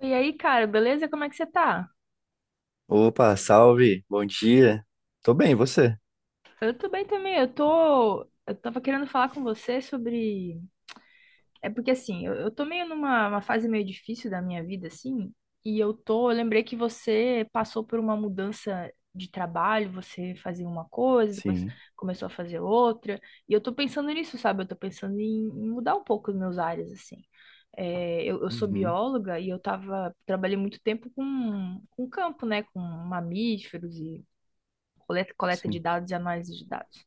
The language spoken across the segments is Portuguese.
E aí, cara, beleza? Como é que você tá? Opa, salve, bom dia. Tô bem, e você? Eu tô bem também. Eu tô. Eu tava querendo falar com você sobre. É porque assim, eu tô meio numa uma fase meio difícil da minha vida, assim. E eu tô. Eu lembrei que você passou por uma mudança de trabalho, você fazia uma coisa, depois Sim. começou a fazer outra. E eu tô pensando nisso, sabe? Eu tô pensando em mudar um pouco os meus áreas, assim. É, eu sou Uhum, bióloga e eu tava, trabalhei muito tempo com campo, né? Com mamíferos e coleta de sim. dados e análise de dados.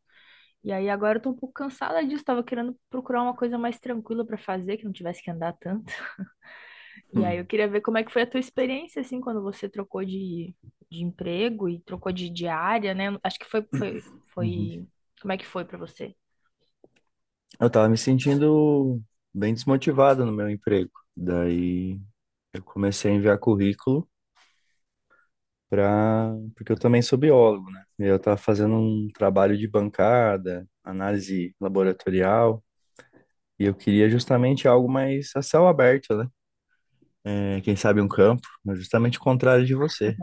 E aí agora eu tô um pouco cansada disso, tava querendo procurar uma coisa mais tranquila pra fazer, que não tivesse que andar tanto. E aí eu Hum, queria ver como é que foi a tua experiência, assim, quando você trocou de emprego e trocou de área, né? Acho que foi, foi, uhum. foi... Como é que foi pra você? Eu tava me sentindo bem desmotivado no meu emprego. Daí eu comecei a enviar currículo porque eu também sou biólogo, né? E eu tava fazendo um trabalho de bancada, análise laboratorial, e eu queria justamente algo mais a céu aberto, né? É, quem sabe um campo, mas justamente o contrário de você.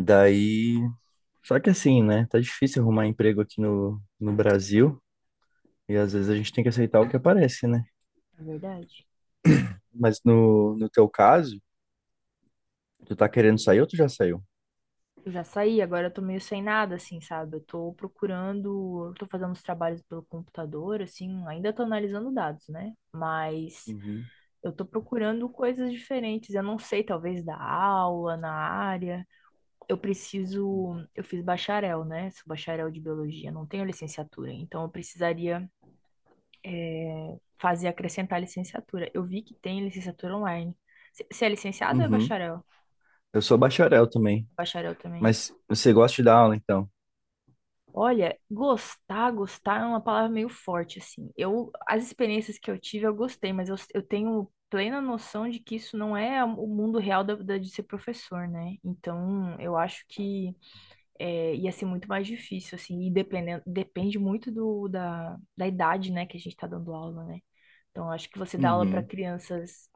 Daí Só que assim, né? Tá difícil arrumar emprego aqui no Brasil e às vezes a gente tem que aceitar o que aparece, né? É verdade. Mas no teu caso, tu tá querendo sair ou tu já saiu? Eu já saí, agora eu tô meio sem nada, assim, sabe? Eu tô procurando, eu tô fazendo os trabalhos pelo computador, assim, ainda tô analisando dados, né? Mas Uhum. eu tô procurando coisas diferentes. Eu não sei, talvez da aula, na área. Eu preciso. Eu fiz bacharel, né? Sou bacharel de biologia, não tenho licenciatura. Então eu precisaria, fazer acrescentar licenciatura. Eu vi que tem licenciatura online. Você é licenciado ou é Uhum. bacharel? Eu sou bacharel também, Bacharel também. mas você gosta de dar aula então? Olha, gostar, gostar é uma palavra meio forte, assim. Eu, as experiências que eu tive, eu gostei, mas eu tenho plena noção de que isso não é o mundo real de ser professor, né? Então, eu acho que ia ser muito mais difícil, assim, e depende muito da idade, né, que a gente tá dando aula, né? Então, eu acho que você dá aula para Uhum. crianças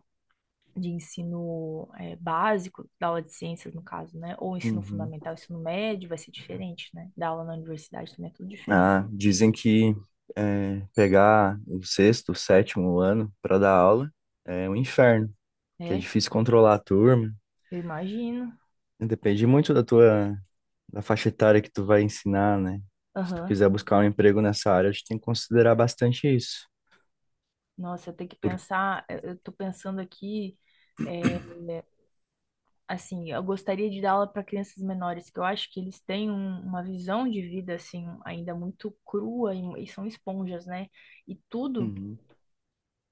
de ensino básico, da aula de ciências, no caso, né? Ou ensino Uhum. fundamental, ensino médio, vai ser diferente, né? Da aula na universidade também é tudo diferente. Ah, dizem que pegar o sexto, o sétimo ano para dar aula é um inferno, que é É, difícil controlar a turma. eu imagino. Depende muito da faixa etária que tu vai ensinar, né? Se tu Aham. quiser buscar um emprego nessa área, a gente tem que considerar bastante isso. Nossa, eu tenho que Por... pensar, eu tô pensando aqui, eh, assim, eu gostaria de dar aula para crianças menores, que eu acho que eles têm uma visão de vida, assim, ainda muito crua e são esponjas, né? E tudo, Uhum.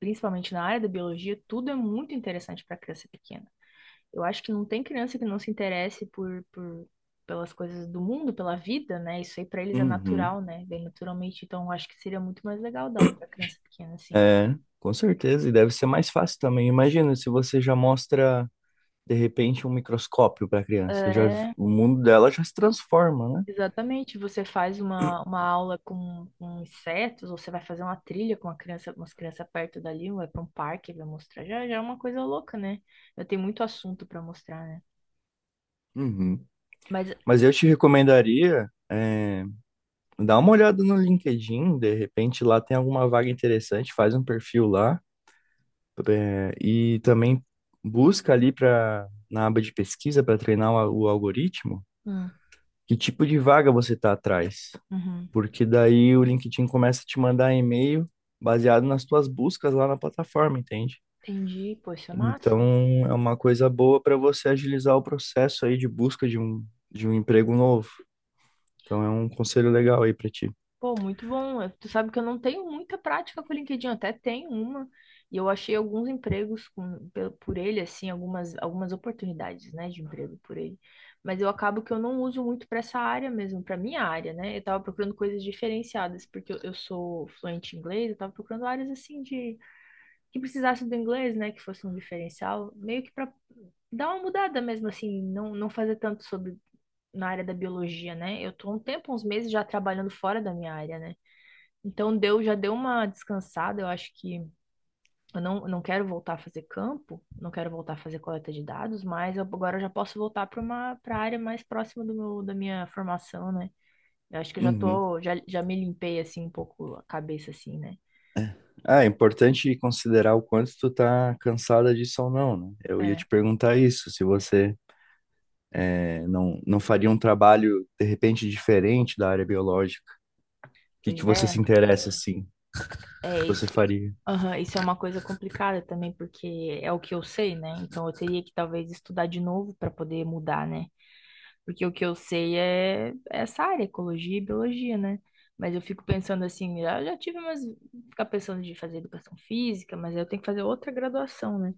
principalmente na área da biologia, tudo é muito interessante para criança pequena. Eu acho que não tem criança que não se interesse por pelas coisas do mundo, pela vida, né? Isso aí pra eles é Uhum. natural, né? Bem naturalmente. Então, eu acho que seria muito mais legal dar aula pra criança pequena, assim. É, com certeza. E deve ser mais fácil também. Imagina se você já mostra, de repente, um microscópio para a criança. Já, É, o mundo dela já se transforma, né? exatamente. Você faz uma aula com insetos, ou você vai fazer uma trilha com uma criança, umas crianças perto dali, ou vai pra um parque, vai mostrar. Já é uma coisa louca, né? Eu tenho muito assunto pra mostrar, né? Uhum. Mas, Mas eu te recomendaria, dar uma olhada no LinkedIn, de repente lá tem alguma vaga interessante, faz um perfil lá. É, e também busca ali para na aba de pesquisa para treinar o algoritmo hum, que tipo de vaga você está atrás, uhum, porque daí o LinkedIn começa a te mandar e-mail baseado nas tuas buscas lá na plataforma, entende? entendi. Poxa, Então massa. é uma coisa boa para você agilizar o processo aí de busca de um emprego novo. Então é um conselho legal aí para ti. Pô, muito bom. Tu sabe que eu não tenho muita prática com o LinkedIn, eu até tenho uma, e eu achei alguns empregos por ele, assim, algumas oportunidades, né, de emprego por ele. Mas eu acabo que eu não uso muito para essa área mesmo, para minha área, né? Eu tava procurando coisas diferenciadas, porque eu sou fluente em inglês, eu tava procurando áreas assim de que precisasse do inglês, né, que fosse um diferencial, meio que para dar uma mudada mesmo, assim, não, não fazer tanto sobre na área da biologia, né? Eu tô há um tempo, uns meses já trabalhando fora da minha área, né? Então deu, já deu uma descansada, eu acho que eu não, não quero voltar a fazer campo, não quero voltar a fazer coleta de dados, mas agora já posso voltar para a área mais próxima do meu, da minha formação, né? Eu acho que eu já Uhum. tô, já, já me limpei assim um pouco a cabeça assim, né? Ah, é importante considerar o quanto tu tá cansada disso ou não, né? Eu ia É. te perguntar isso, se você não, não faria um trabalho, de repente, diferente da área biológica? O que que Pois você é, se interessa, assim? O é que isso. você faria? Aham, isso é uma coisa complicada também, porque é o que eu sei, né? Então eu teria que talvez estudar de novo para poder mudar, né? Porque o que eu sei é essa área, ecologia e biologia, né? Mas eu fico pensando assim, eu já tive umas. Ficar pensando de fazer educação física, mas aí eu tenho que fazer outra graduação, né?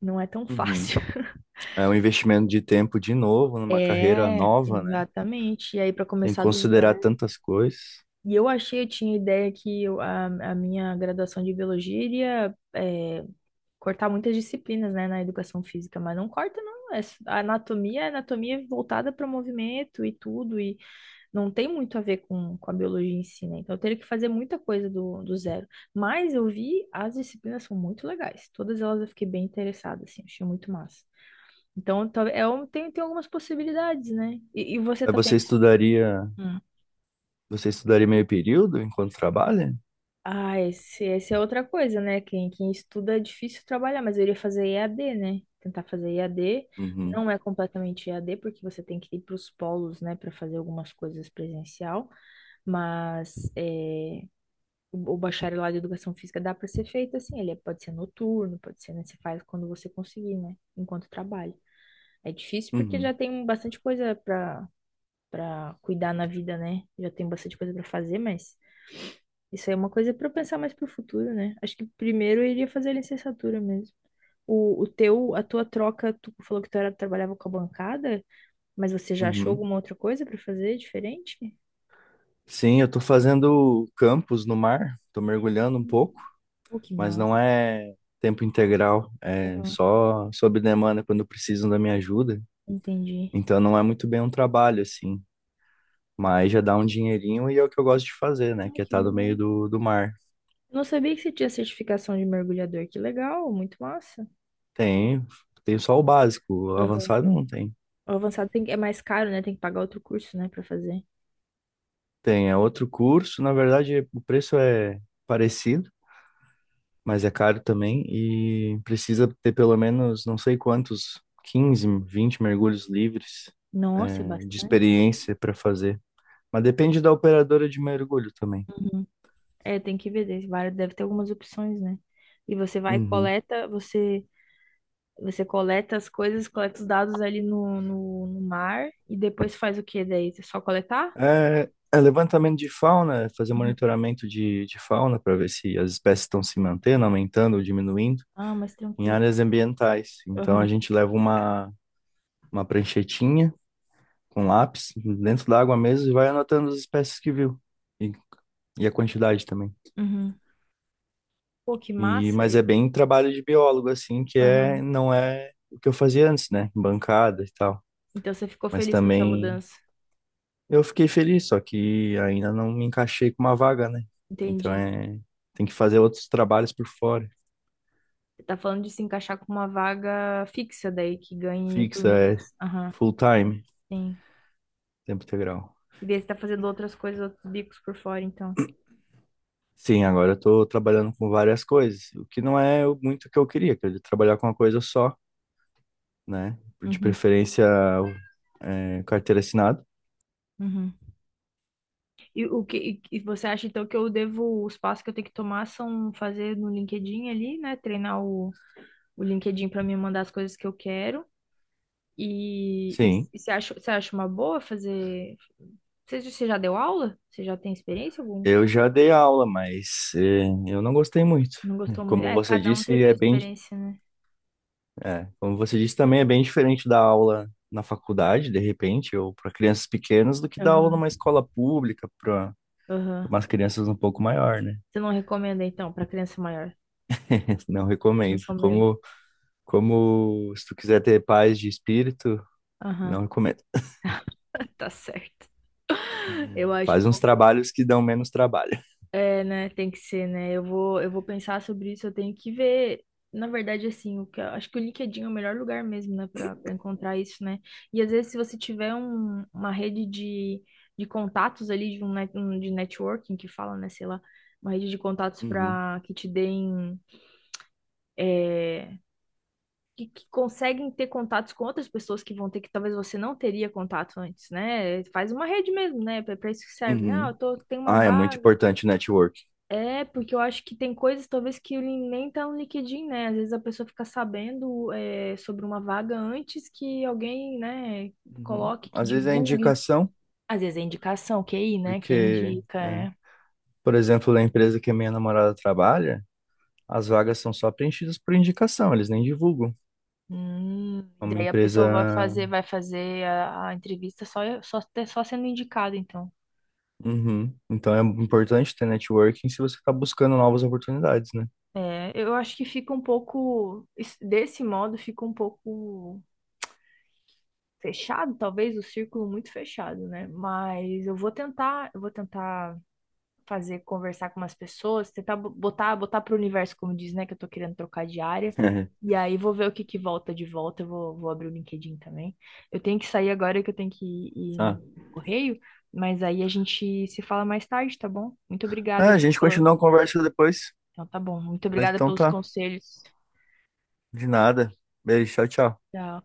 Não é tão Uhum. fácil. É um investimento de tempo de novo, numa carreira É, nova, né? exatamente. E aí, para Tem que começar do considerar zero. tantas coisas. E eu achei, eu tinha ideia que a minha graduação de biologia iria cortar muitas disciplinas, né, na educação física, mas não corta, não. A anatomia é anatomia voltada para movimento e tudo. E não tem muito a ver com a biologia em si, né? Então eu teria que fazer muita coisa do zero. Mas eu vi, as disciplinas são muito legais. Todas elas eu fiquei bem interessada, assim, achei muito massa. Então, tem algumas possibilidades, né? E você Mas tá você pensando? estudaria, Hum. você estudaria meio período enquanto trabalha? Ah, essa é outra coisa, né? Quem estuda é difícil trabalhar, mas eu iria fazer EAD, né? Tentar fazer EAD. Uhum. Não é completamente EAD, porque você tem que ir para os polos, né, para fazer algumas coisas presencial, mas é, o bacharelado de educação física dá para ser feito assim, pode ser noturno, pode ser, né? Você faz quando você conseguir, né? Enquanto trabalha. É difícil porque já Uhum. tem bastante coisa para cuidar na vida, né? Já tem bastante coisa para fazer, mas isso aí é uma coisa para pensar mais pro futuro, né? Acho que primeiro eu iria fazer a licenciatura mesmo. A tua troca, tu falou que trabalhava com a bancada, mas você já achou Uhum. alguma outra coisa para fazer diferente? Sim, eu tô fazendo campus no mar, tô mergulhando um pouco, Pô, que mas não massa. é tempo integral, é Aham, só sob demanda quando precisam da minha ajuda. entendi. Então não é muito bem um trabalho, assim, mas já dá um dinheirinho e é o que eu gosto de fazer, né? Ah, Que é que estar no meio bom. do mar. Eu não sabia que você tinha certificação de mergulhador. Que legal, muito massa. Tem, tem só o básico, o Aham. avançado não tem. O avançado é mais caro, né? Tem que pagar outro curso, né, pra fazer. Tem, é outro curso, na verdade o preço é parecido, mas é caro também e precisa ter pelo menos não sei quantos, 15 20 mergulhos livres, Nossa, é de bastante. experiência para fazer. Mas depende da operadora de mergulho também. Uhum. É, tem que ver, deve ter algumas opções, né? E você vai e Uhum. coleta, você você coleta as coisas, coleta os dados ali no mar e depois faz o quê daí? É só coletar? É, levantamento de fauna, é fazer Uhum. monitoramento de fauna para ver se as espécies estão se mantendo, aumentando ou diminuindo Ah, mas em tranquilo. áreas ambientais. Então a Aham. gente leva uma pranchetinha com lápis dentro da água mesmo e vai anotando as espécies que viu e, e a quantidade também. Uhum. Pô, que massa. Mas é bem trabalho de biólogo, assim, Aham. não é o que eu fazia antes, né? Bancada e tal. Então você ficou Mas feliz com essa também mudança. Eu fiquei feliz, só que ainda não me encaixei com uma vaga, né? Então Entendi. Tem que fazer outros trabalhos por fora. Você tá falando de se encaixar com uma vaga fixa daí, que ganhe por Fixa, é mês. Aham, full time, sim. tempo integral. E daí você tá fazendo outras coisas, outros bicos por fora, então. Sim, agora eu tô trabalhando com várias coisas, o que não é muito o que eu queria trabalhar com uma coisa só, né? De Uhum, preferência, carteira assinada. uhum. E o que e você acha então que eu devo, os passos que eu tenho que tomar são fazer no LinkedIn ali, né? Treinar o LinkedIn para me mandar as coisas que eu quero. E, e, Sim, e você acha, você acha uma boa fazer? Você já deu aula? Você já tem experiência? Algum? eu já dei aula, mas eu não gostei muito. Não gostou muito? Como É, você cada um tem disse, sua é bem experiência, né? como você disse, também é bem diferente da aula na faculdade, de repente, ou para crianças pequenas, do que dar aula Aham, numa escola pública para aham. umas crianças um pouco maior, né? Você não recomenda, então, pra criança maior? Não Não recomendo. recomendo. Como se tu quiser ter paz de espírito, Aham. não recomendo. Tá certo. Eu acho um Faz uns pouco. trabalhos que dão menos trabalho. É, né? Tem que ser, né? Eu vou pensar sobre isso. Eu tenho que ver. Na verdade, assim, acho que o LinkedIn é o melhor lugar mesmo, né, para encontrar isso, né? E às vezes, se você tiver uma rede de contatos ali, de networking que fala, né, sei lá, uma rede de contatos Uhum, para que te deem. é, que conseguem ter contatos com outras pessoas que vão ter que talvez você não teria contato antes, né? Faz uma rede mesmo, né? Para isso que serve, né? Ah, uhum. Tenho uma Ah, é muito vaga. importante o network. É, porque eu acho que tem coisas talvez que nem tá no LinkedIn, né? Às vezes a pessoa fica sabendo sobre uma vaga antes que alguém, né, Uhum. coloque, que Às vezes é divulgue. indicação, Às vezes é indicação, QI, né? Quem porque, indica, é. por exemplo, na empresa que a minha namorada trabalha, as vagas são só preenchidas por indicação, eles nem divulgam. Hum, É uma Daí a empresa. pessoa vai fazer, vai fazer a entrevista só sendo indicada, então. Uhum. Então é importante ter networking se você está buscando novas oportunidades, né? É, eu acho que fica um pouco, desse modo, fica um pouco fechado, talvez o círculo muito fechado, né? Mas eu vou tentar fazer conversar com umas pessoas, tentar botar para o universo, como diz, né? Que eu tô querendo trocar de área. E aí vou ver o que que volta de volta. Eu vou abrir o LinkedIn também. Eu tenho que sair agora que eu tenho que ir no Tá. correio, mas aí a gente se fala mais tarde, tá bom? Muito Ah, obrigada a gente pela... continua a conversa depois. Então tá bom. Muito Mas obrigada então pelos tá. conselhos. De nada. Beijo, tchau, tchau. Tchau.